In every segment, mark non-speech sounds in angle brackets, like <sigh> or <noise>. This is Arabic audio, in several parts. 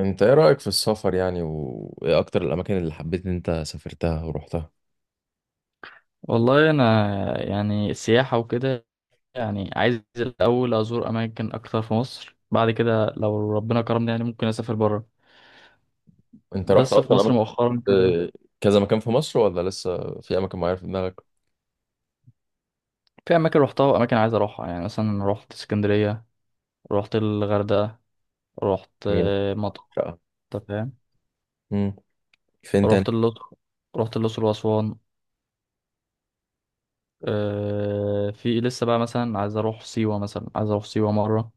انت ايه رأيك في السفر يعني، وايه اكتر الاماكن اللي حبيت ان انت سافرتها ورحتها؟ والله انا يعني السياحه وكده. يعني عايز الاول ازور اماكن اكتر في مصر، بعد كده لو ربنا كرمني يعني ممكن اسافر بره. انت رحت بس في اصلا مصر اماكن؟ مؤخرا كده، اه. كذا مكان في مصر ولا لسه في اماكن معينة في دماغك؟ في اماكن روحتها واماكن عايز اروحها. يعني مثلا رحت اسكندريه، رحت الغردقه، رحت مين؟ مطروح. شقة؟ أنت فاهم. امم. فين تاني؟ رحت الاقصر، واسوان. في لسه بقى مثلا عايز اروح سيوه، مره.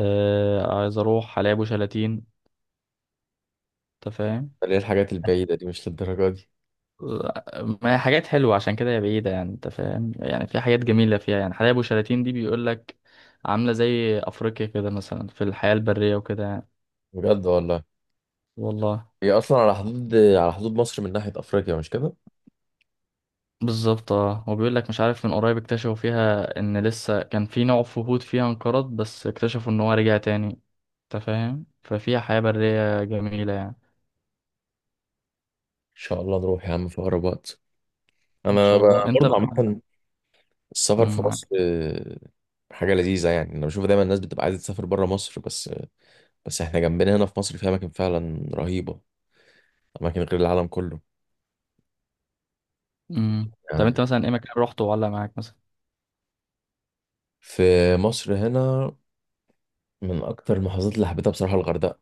عايز اروح حلايب وشلاتين. أنت فاهم. ليه الحاجات البعيدة دي مش للدرجة دي؟ ما هي حاجات حلوة عشان كده هي بعيدة، يعني انت فاهم، يعني في حاجات جميلة فيها. يعني حدائق أبو شلاتين دي بيقول لك عاملة زي أفريقيا كده، مثلا في الحياة البرية وكده يعني. بجد والله. والله هي اصلا على حدود مصر من ناحية افريقيا، مش كده؟ ان بالظبط اه، وبيقول لك مش عارف، من قريب اكتشفوا فيها ان لسه كان في نوع فهود فيها انقرض، بس اكتشفوا ان هو رجع تاني. انت فاهم، ففيها حياة برية جميلة يعني. شاء الله نروح يا عم في اقرب وقت. ان انا شاء الله، انت برضه بقى. عامة، السفر مم، في مصر معاك. حاجة لذيذة يعني. أنا بشوف دايما الناس بتبقى عايزة تسافر برا مصر بس. بس إحنا جنبنا هنا في مصر في أماكن فعلا رهيبة، أماكن غير العالم كله. مم. طب يعني انت مثلا ايه مكان رحته وعلق معاك مثلا؟ في مصر هنا، من أكتر المحافظات اللي حبيتها بصراحة الغردقة.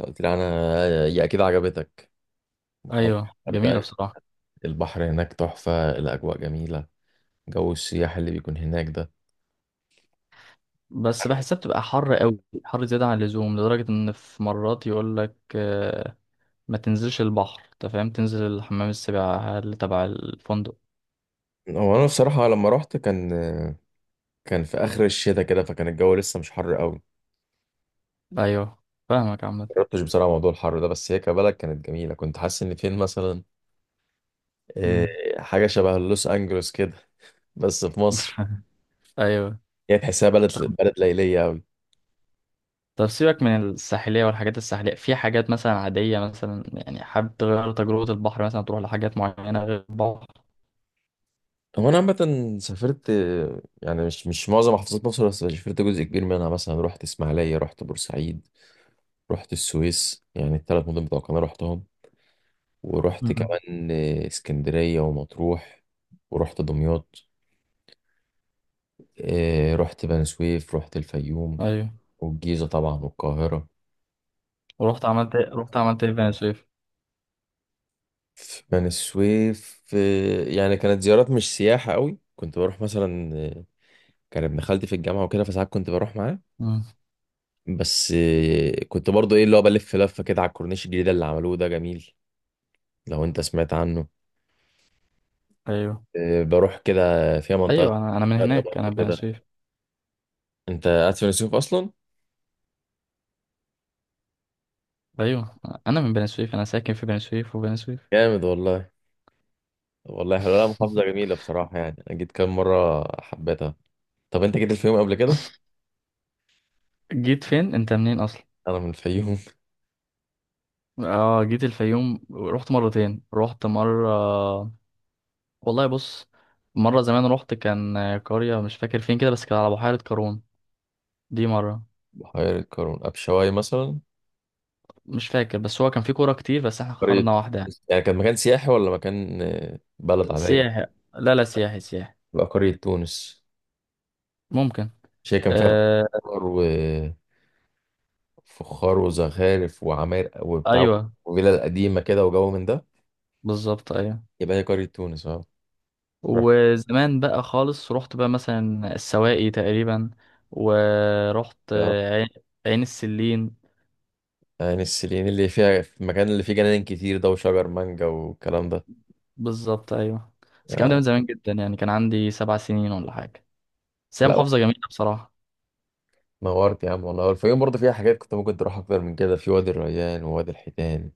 أنت قلت لي أنا، هي أكيد عجبتك، محافظة ايوه جميلة الغردقة. بصراحة. البحر هناك تحفة، الأجواء جميلة، جو السياح اللي بيكون هناك ده. بس بحسها بتبقى حر قوي، حر زيادة عن اللزوم، لدرجة إن في مرات يقول لك ما تنزلش البحر، أنت فاهم، تنزل حمام السباحة اللي تبع الفندق. هو أنا بصراحة لما رحت، كان في آخر الشتاء كده، فكان الجو لسه مش حر قوي. أيوه فاهمك عامة. مجربتش بصراحة موضوع الحر ده، بس هي كبلد كانت جميلة، كنت حاسس إن فين مثلا، آه، مم. حاجة شبه لوس أنجلوس كده بس في مصر. <laughs> أيوه. هي تحسها بلد، ليلية أوي. طب سيبك من الساحلية والحاجات الساحلية، في حاجات مثلا عادية، مثلا يعني حابب تغير تجربة البحر، مثلا تروح لحاجات معينة غير البحر؟ هو انا عامه سافرت، يعني مش معظم محافظات مصر، بس سافرت جزء كبير منها. مثلا رحت اسماعيليه، رحت بورسعيد، رحت السويس، يعني الثلاث مدن بتوع القناه رحتهم. ورحت مم. كمان اسكندريه ومطروح، ورحت دمياط. رحت بني سويف، رحت الفيوم، أيوه. والجيزه طبعا والقاهره. ورحت عملت إيه؟ رحت عملت إيه في بني سويف؟ في بني سويف، يعني كانت زيارات مش سياحه قوي. كنت بروح مثلا، كان ابن خالتي في الجامعه وكده، فساعات كنت بروح معاه. مم. بس، كنت برضو ايه اللي هو بلف لفه كده على الكورنيش الجديد اللي عملوه ده، جميل لو انت سمعت عنه. أيوه. بروح كده، فيها منطقه أيوه أنا من شرق هناك، أنا برضو بني كده. سويف. انت قاعد في السيوف اصلا؟ ايوه انا من بني سويف، انا ساكن في بني سويف، وبني سويف. جامد والله. طب والله حلوه، لا محافظه <laughs> جميله بصراحه، يعني انا جيت كام مره حبيتها. طب انت جيت الفيوم قبل كده؟ جيت فين؟ انت منين اصلا؟ <laughs> انا من الفيوم. اه جيت الفيوم، رحت مرتين. رحت مره، والله بص، مره زمان رحت. كان قريه مش فاكر فين كده، بس كان على بحيره قارون. دي مره. <laughs> بحيره قارون، ابشواي مثلا. مش فاكر، بس هو كان في كوره كتير بس احنا قريه؟ اخترنا واحده يعني. يعني كان مكان سياحي ولا مكان، بلد عاديه؟ سياحي. لا لا، سياحي سياحي. بقى قريه تونس؟ ممكن. مش هي كان فيها آه. خضار، فخار وزخارف وعماير وبتاع، ايوه وفيلا القديمة كده وجو من ده؟ بالظبط ايوه. يبقى هي قرية تونس اه. رحت وزمان بقى خالص، رحت بقى مثلا السواقي تقريبا، ورحت اه عين، عين السلين. يعني السليين، اللي فيها في المكان اللي فيه جنان كتير ده وشجر مانجا والكلام ده. بالظبط ايوه. بس الكلام ده آه. من زمان جدا، يعني كان عندي 7 سنين ولا حاجه. بس هي لا، محافظه جميله بصراحه. نورت يا عم والله. الفيوم برضه فيها حاجات كنت ممكن تروح أكتر من كده، في وادي الريان ووادي الحيتان،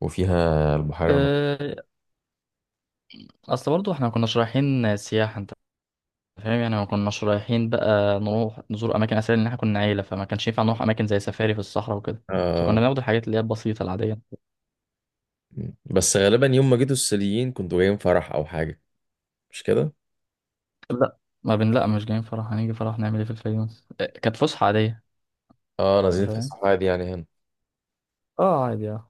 وفيها البحيرة المتوسطة. أه، اصل برضو احنا ما كناش رايحين سياحه، انت فاهم، يعني ما كناش رايحين بقى نروح نزور اماكن اثريه، لان احنا كنا عيله، فما كانش ينفع نروح اماكن زي سفاري في الصحراء وكده. آه. فكنا بناخد الحاجات اللي هي البسيطه العاديه. بس غالبا يوم ما جيتوا السليين كنتوا جايين فرح أو حاجة، مش كده؟ لا، ما بن لا، مش جايين فرح. هنيجي فرح نعمل ايه في الفيوم؟ كانت فسحه عاديه، اه، انت نازلين في فاهم. الصحراء دي يعني هنا. اه عادي اه.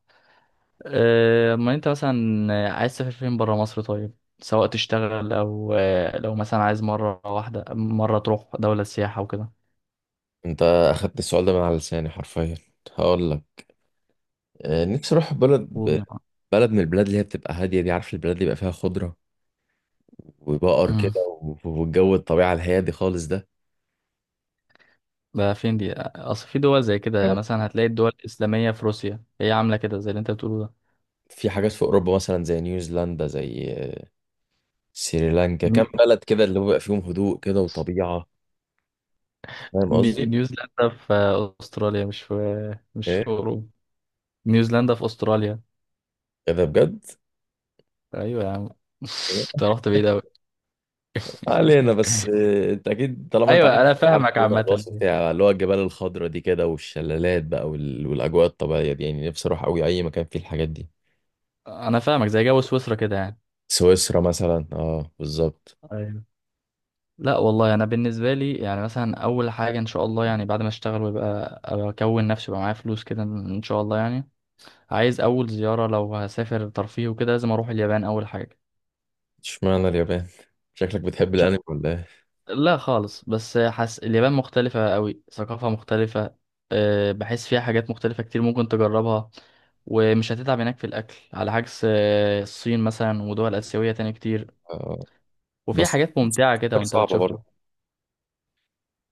اما انت مثلا عايز تسافر فين بره مصر؟ طيب سواء تشتغل او لو مثلا عايز مره واحده مره تروح دوله سياحه وكده. انت أخدت السؤال ده من على لساني حرفيا. هقول لك، نفسي اروح بلد، قول يا معلم. من البلاد اللي هي بتبقى هاديه دي، عارف، البلاد اللي بيبقى فيها خضره وبقر امم كده، والجو الطبيعه الهادي خالص ده. ده فين دي؟ اصل في دول زي كده، كمان مثلا هتلاقي الدول الاسلاميه في روسيا هي عامله كده زي اللي انت بتقوله ده. في حاجات في اوروبا مثلا، زي نيوزيلندا، زي سريلانكا، كام ني- بلد كده اللي هو بيبقى فيهم هدوء كده وطبيعه. فاهم قصدي؟ نيوزيلندا في استراليا، مش في ايه اوروبا. نيوزيلندا في استراليا. كده بجد؟ ايوه يا عم. <laughs> انت رحت بعيد قوي. علينا بس، <laughs> انت اكيد طالما انت عارف، ايوه انا فاهمك عامه. الوصف بتاع اللي هو الجبال الخضراء دي كده، والشلالات بقى والاجواء الطبيعيه دي، يعني نفسي اروح قوي اي مكان فيه الحاجات دي. انا فاهمك، زي جو سويسرا كده يعني. سويسرا مثلا، اه بالظبط. أيوة. لا والله انا بالنسبه لي، يعني مثلا اول حاجه ان شاء الله، يعني بعد ما اشتغل ويبقى اكون نفسي، ويبقى معايا فلوس كده ان شاء الله، يعني عايز اول زياره لو هسافر ترفيه وكده، لازم اروح اليابان اول حاجه. اشمعنى اليابان؟ شكلك بتحب مش ع- الانمي ولا ايه؟ لا خالص، بس حس اليابان مختلفه قوي، ثقافه مختلفه. بحس فيها حاجات مختلفه كتير ممكن تجربها، ومش هتتعب هناك في الاكل على عكس الصين مثلا ودول اسيويه تاني كتير. آه. وفيها بس حاجات ممتعه كده هناك وانت صعبة برضه. بتشوفها.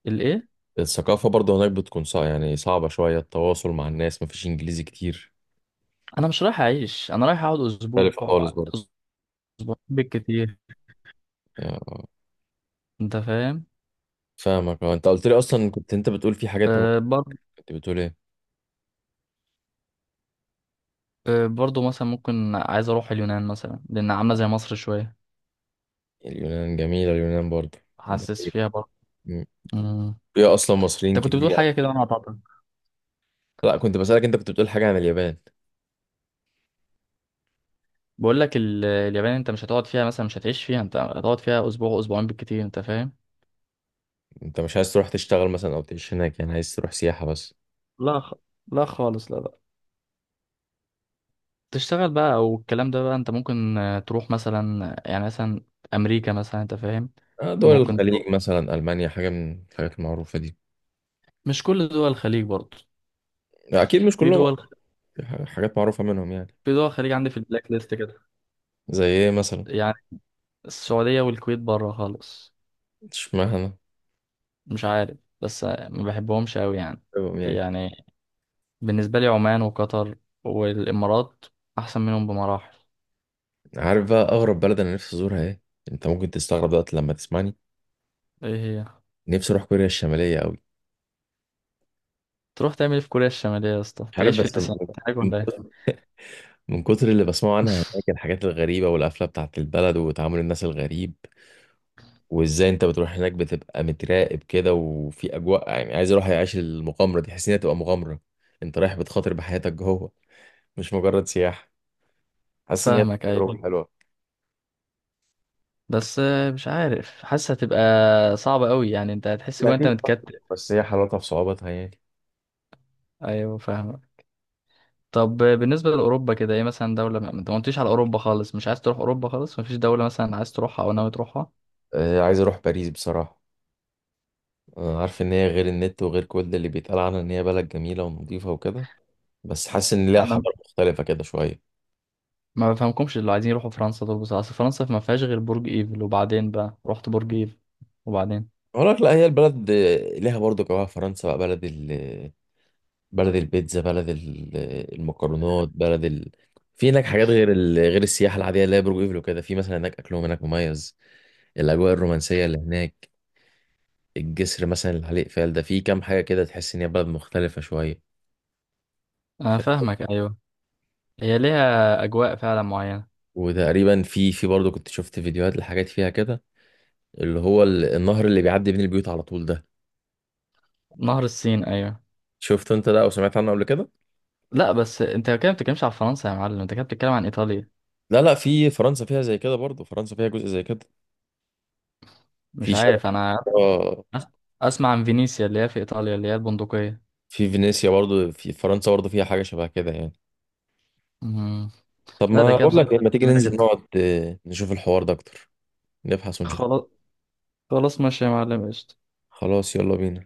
الايه؟ الثقافة برضه هناك بتكون صعبة، يعني صعبة شوية التواصل مع الناس، مفيش انجليزي كتير، انا مش رايح اعيش، انا رايح اقعد اسبوع، مختلفة خالص برضه. اسبوع بالكتير، آه. انت فاهم. فاهمك. انت قلت لي اصلا، كنت انت بتقول في حاجات. أه بر... كنت بتقول ايه؟ أه برضو مثلا ممكن، عايز اروح اليونان مثلا لان عامله زي مصر شويه. اليونان جميلة، اليونان برضه. حاسس فيها برضه. مم. مم. فيها اصلا مصريين انت كنت كتير بتقول يعني. حاجه كده وانا قطعتك. لا، كنت بسألك، انت كنت بتقول حاجة عن اليابان. اليابان انت مش هتقعد فيها مثلا، مش هتعيش فيها، انت هتقعد فيها اسبوع، اسبوعين بالكتير، انت فاهم. انت مش عايز تروح تشتغل مثلا او تعيش هناك؟ يعني عايز تروح سياحة بس؟ لا خ... لا خالص، لا لا. تشتغل بقى او الكلام ده بقى، انت ممكن تروح مثلا، يعني مثلا امريكا مثلا، انت فاهم. دول ممكن تروح، الخليج مثلا، ألمانيا، حاجة من الحاجات المعروفة دي. مش كل دول الخليج برضه. أكيد مش في كلهم. دول، دي حاجات معروفة منهم يعني. في دول الخليج عندي في البلاك ليست كده، زي ايه مثلا؟ يعني السعودية والكويت بره خالص. اشمعنى؟ مش عارف، بس ما بحبهمش قوي يعني. طيب، يعني. يعني بالنسبة لي عمان وقطر والإمارات أحسن منهم بمراحل. عارف بقى اغرب بلد انا نفسي ازورها ايه؟ انت ممكن تستغرب دلوقتي لما تسمعني. إيه؟ هي نفسي اروح كوريا الشمالية قوي. تروح تعمل إيه في كوريا الشمالية يا اسطى؟ مش عارف تعيش في بس التسعينات حاجة <laughs> من ولا إيه؟ كتر اللي بسمعه عنها هناك، <laughs> الحاجات الغريبة والقفلة بتاعت البلد وتعامل الناس الغريب، وازاي انت بتروح هناك بتبقى متراقب كده وفي اجواء، يعني عايز اروح اعيش المغامرة دي. حاسس ان هي تبقى مغامرة، انت رايح بتخاطر بحياتك جوه، مش مجرد سياحة. حاسس ان هي فاهمك أيوة. تجربة حلوة. بس مش عارف، حاسة هتبقى صعبة قوي يعني، أنت هتحس لا، جوا أنت أكيد صح، متكتل. بس هي حلاوتها في صعوبتها يعني. أيوة فاهمك. طب بالنسبة لأوروبا كده، ايه مثلا دولة؟ ما انت ما قلتليش على أوروبا خالص، مش عايز تروح أوروبا خالص؟ مفيش دولة مثلا عايز تروحها أو ناوي تروحها؟ عايز اروح باريس بصراحة. عارف ان هي غير النت وغير كل اللي بيتقال عنها، ان هي بلد جميلة ونظيفة وكده، بس حاسس ان ليها أنا حضارة مختلفة كده شوية. ما بفهمكمش اللي عايزين يروحوا فرنسا دول بصراحة، أصل فرنسا ما فيهاش غير برج إيفل، وبعدين بقى رحت برج إيفل وبعدين. اقول لك لا، هي البلد ليها برضو جواها. فرنسا بقى بلد البيتزا، بلد المكرونات. في هناك حاجات غير السياحة العادية اللي هي برج ايفل وكده. في مثلا هناك، اكلهم هناك مميز، الاجواء الرومانسية اللي هناك، الجسر مثلا اللي عليه اقفال ده، في كام حاجة كده تحس ان هي بلد مختلفة شوية. أنا ف... فاهمك أيوه، هي ليها أجواء فعلا معينة. وتقريبا في برضه كنت شفت فيديوهات لحاجات فيها كده، اللي هو النهر اللي بيعدي بين البيوت على طول ده. نهر السين أيوه. شفت انت ده او سمعت عنه قبل كده؟ لا بس أنت كده ما بتتكلمش على فرنسا يا معلم، أنت كده بتتكلم عن إيطاليا. لا لا، في فرنسا فيها زي كده برضه، فرنسا فيها جزء زي كده، مش في شارع. عارف أنا. آه. أس- أسمع عن فينيسيا اللي هي في إيطاليا، اللي هي البندقية. في فينيسيا برضه، في فرنسا برضه فيها حاجة شبه كده يعني. مم. طب لا ده ما كده بقول لك، بصراحة لما تيجي جميلة ننزل جدا. نقعد نشوف الحوار ده اكتر، نبحث ونشوف. خلاص، خلاص ماشي يا معلم، قشطة. خلاص يلا بينا.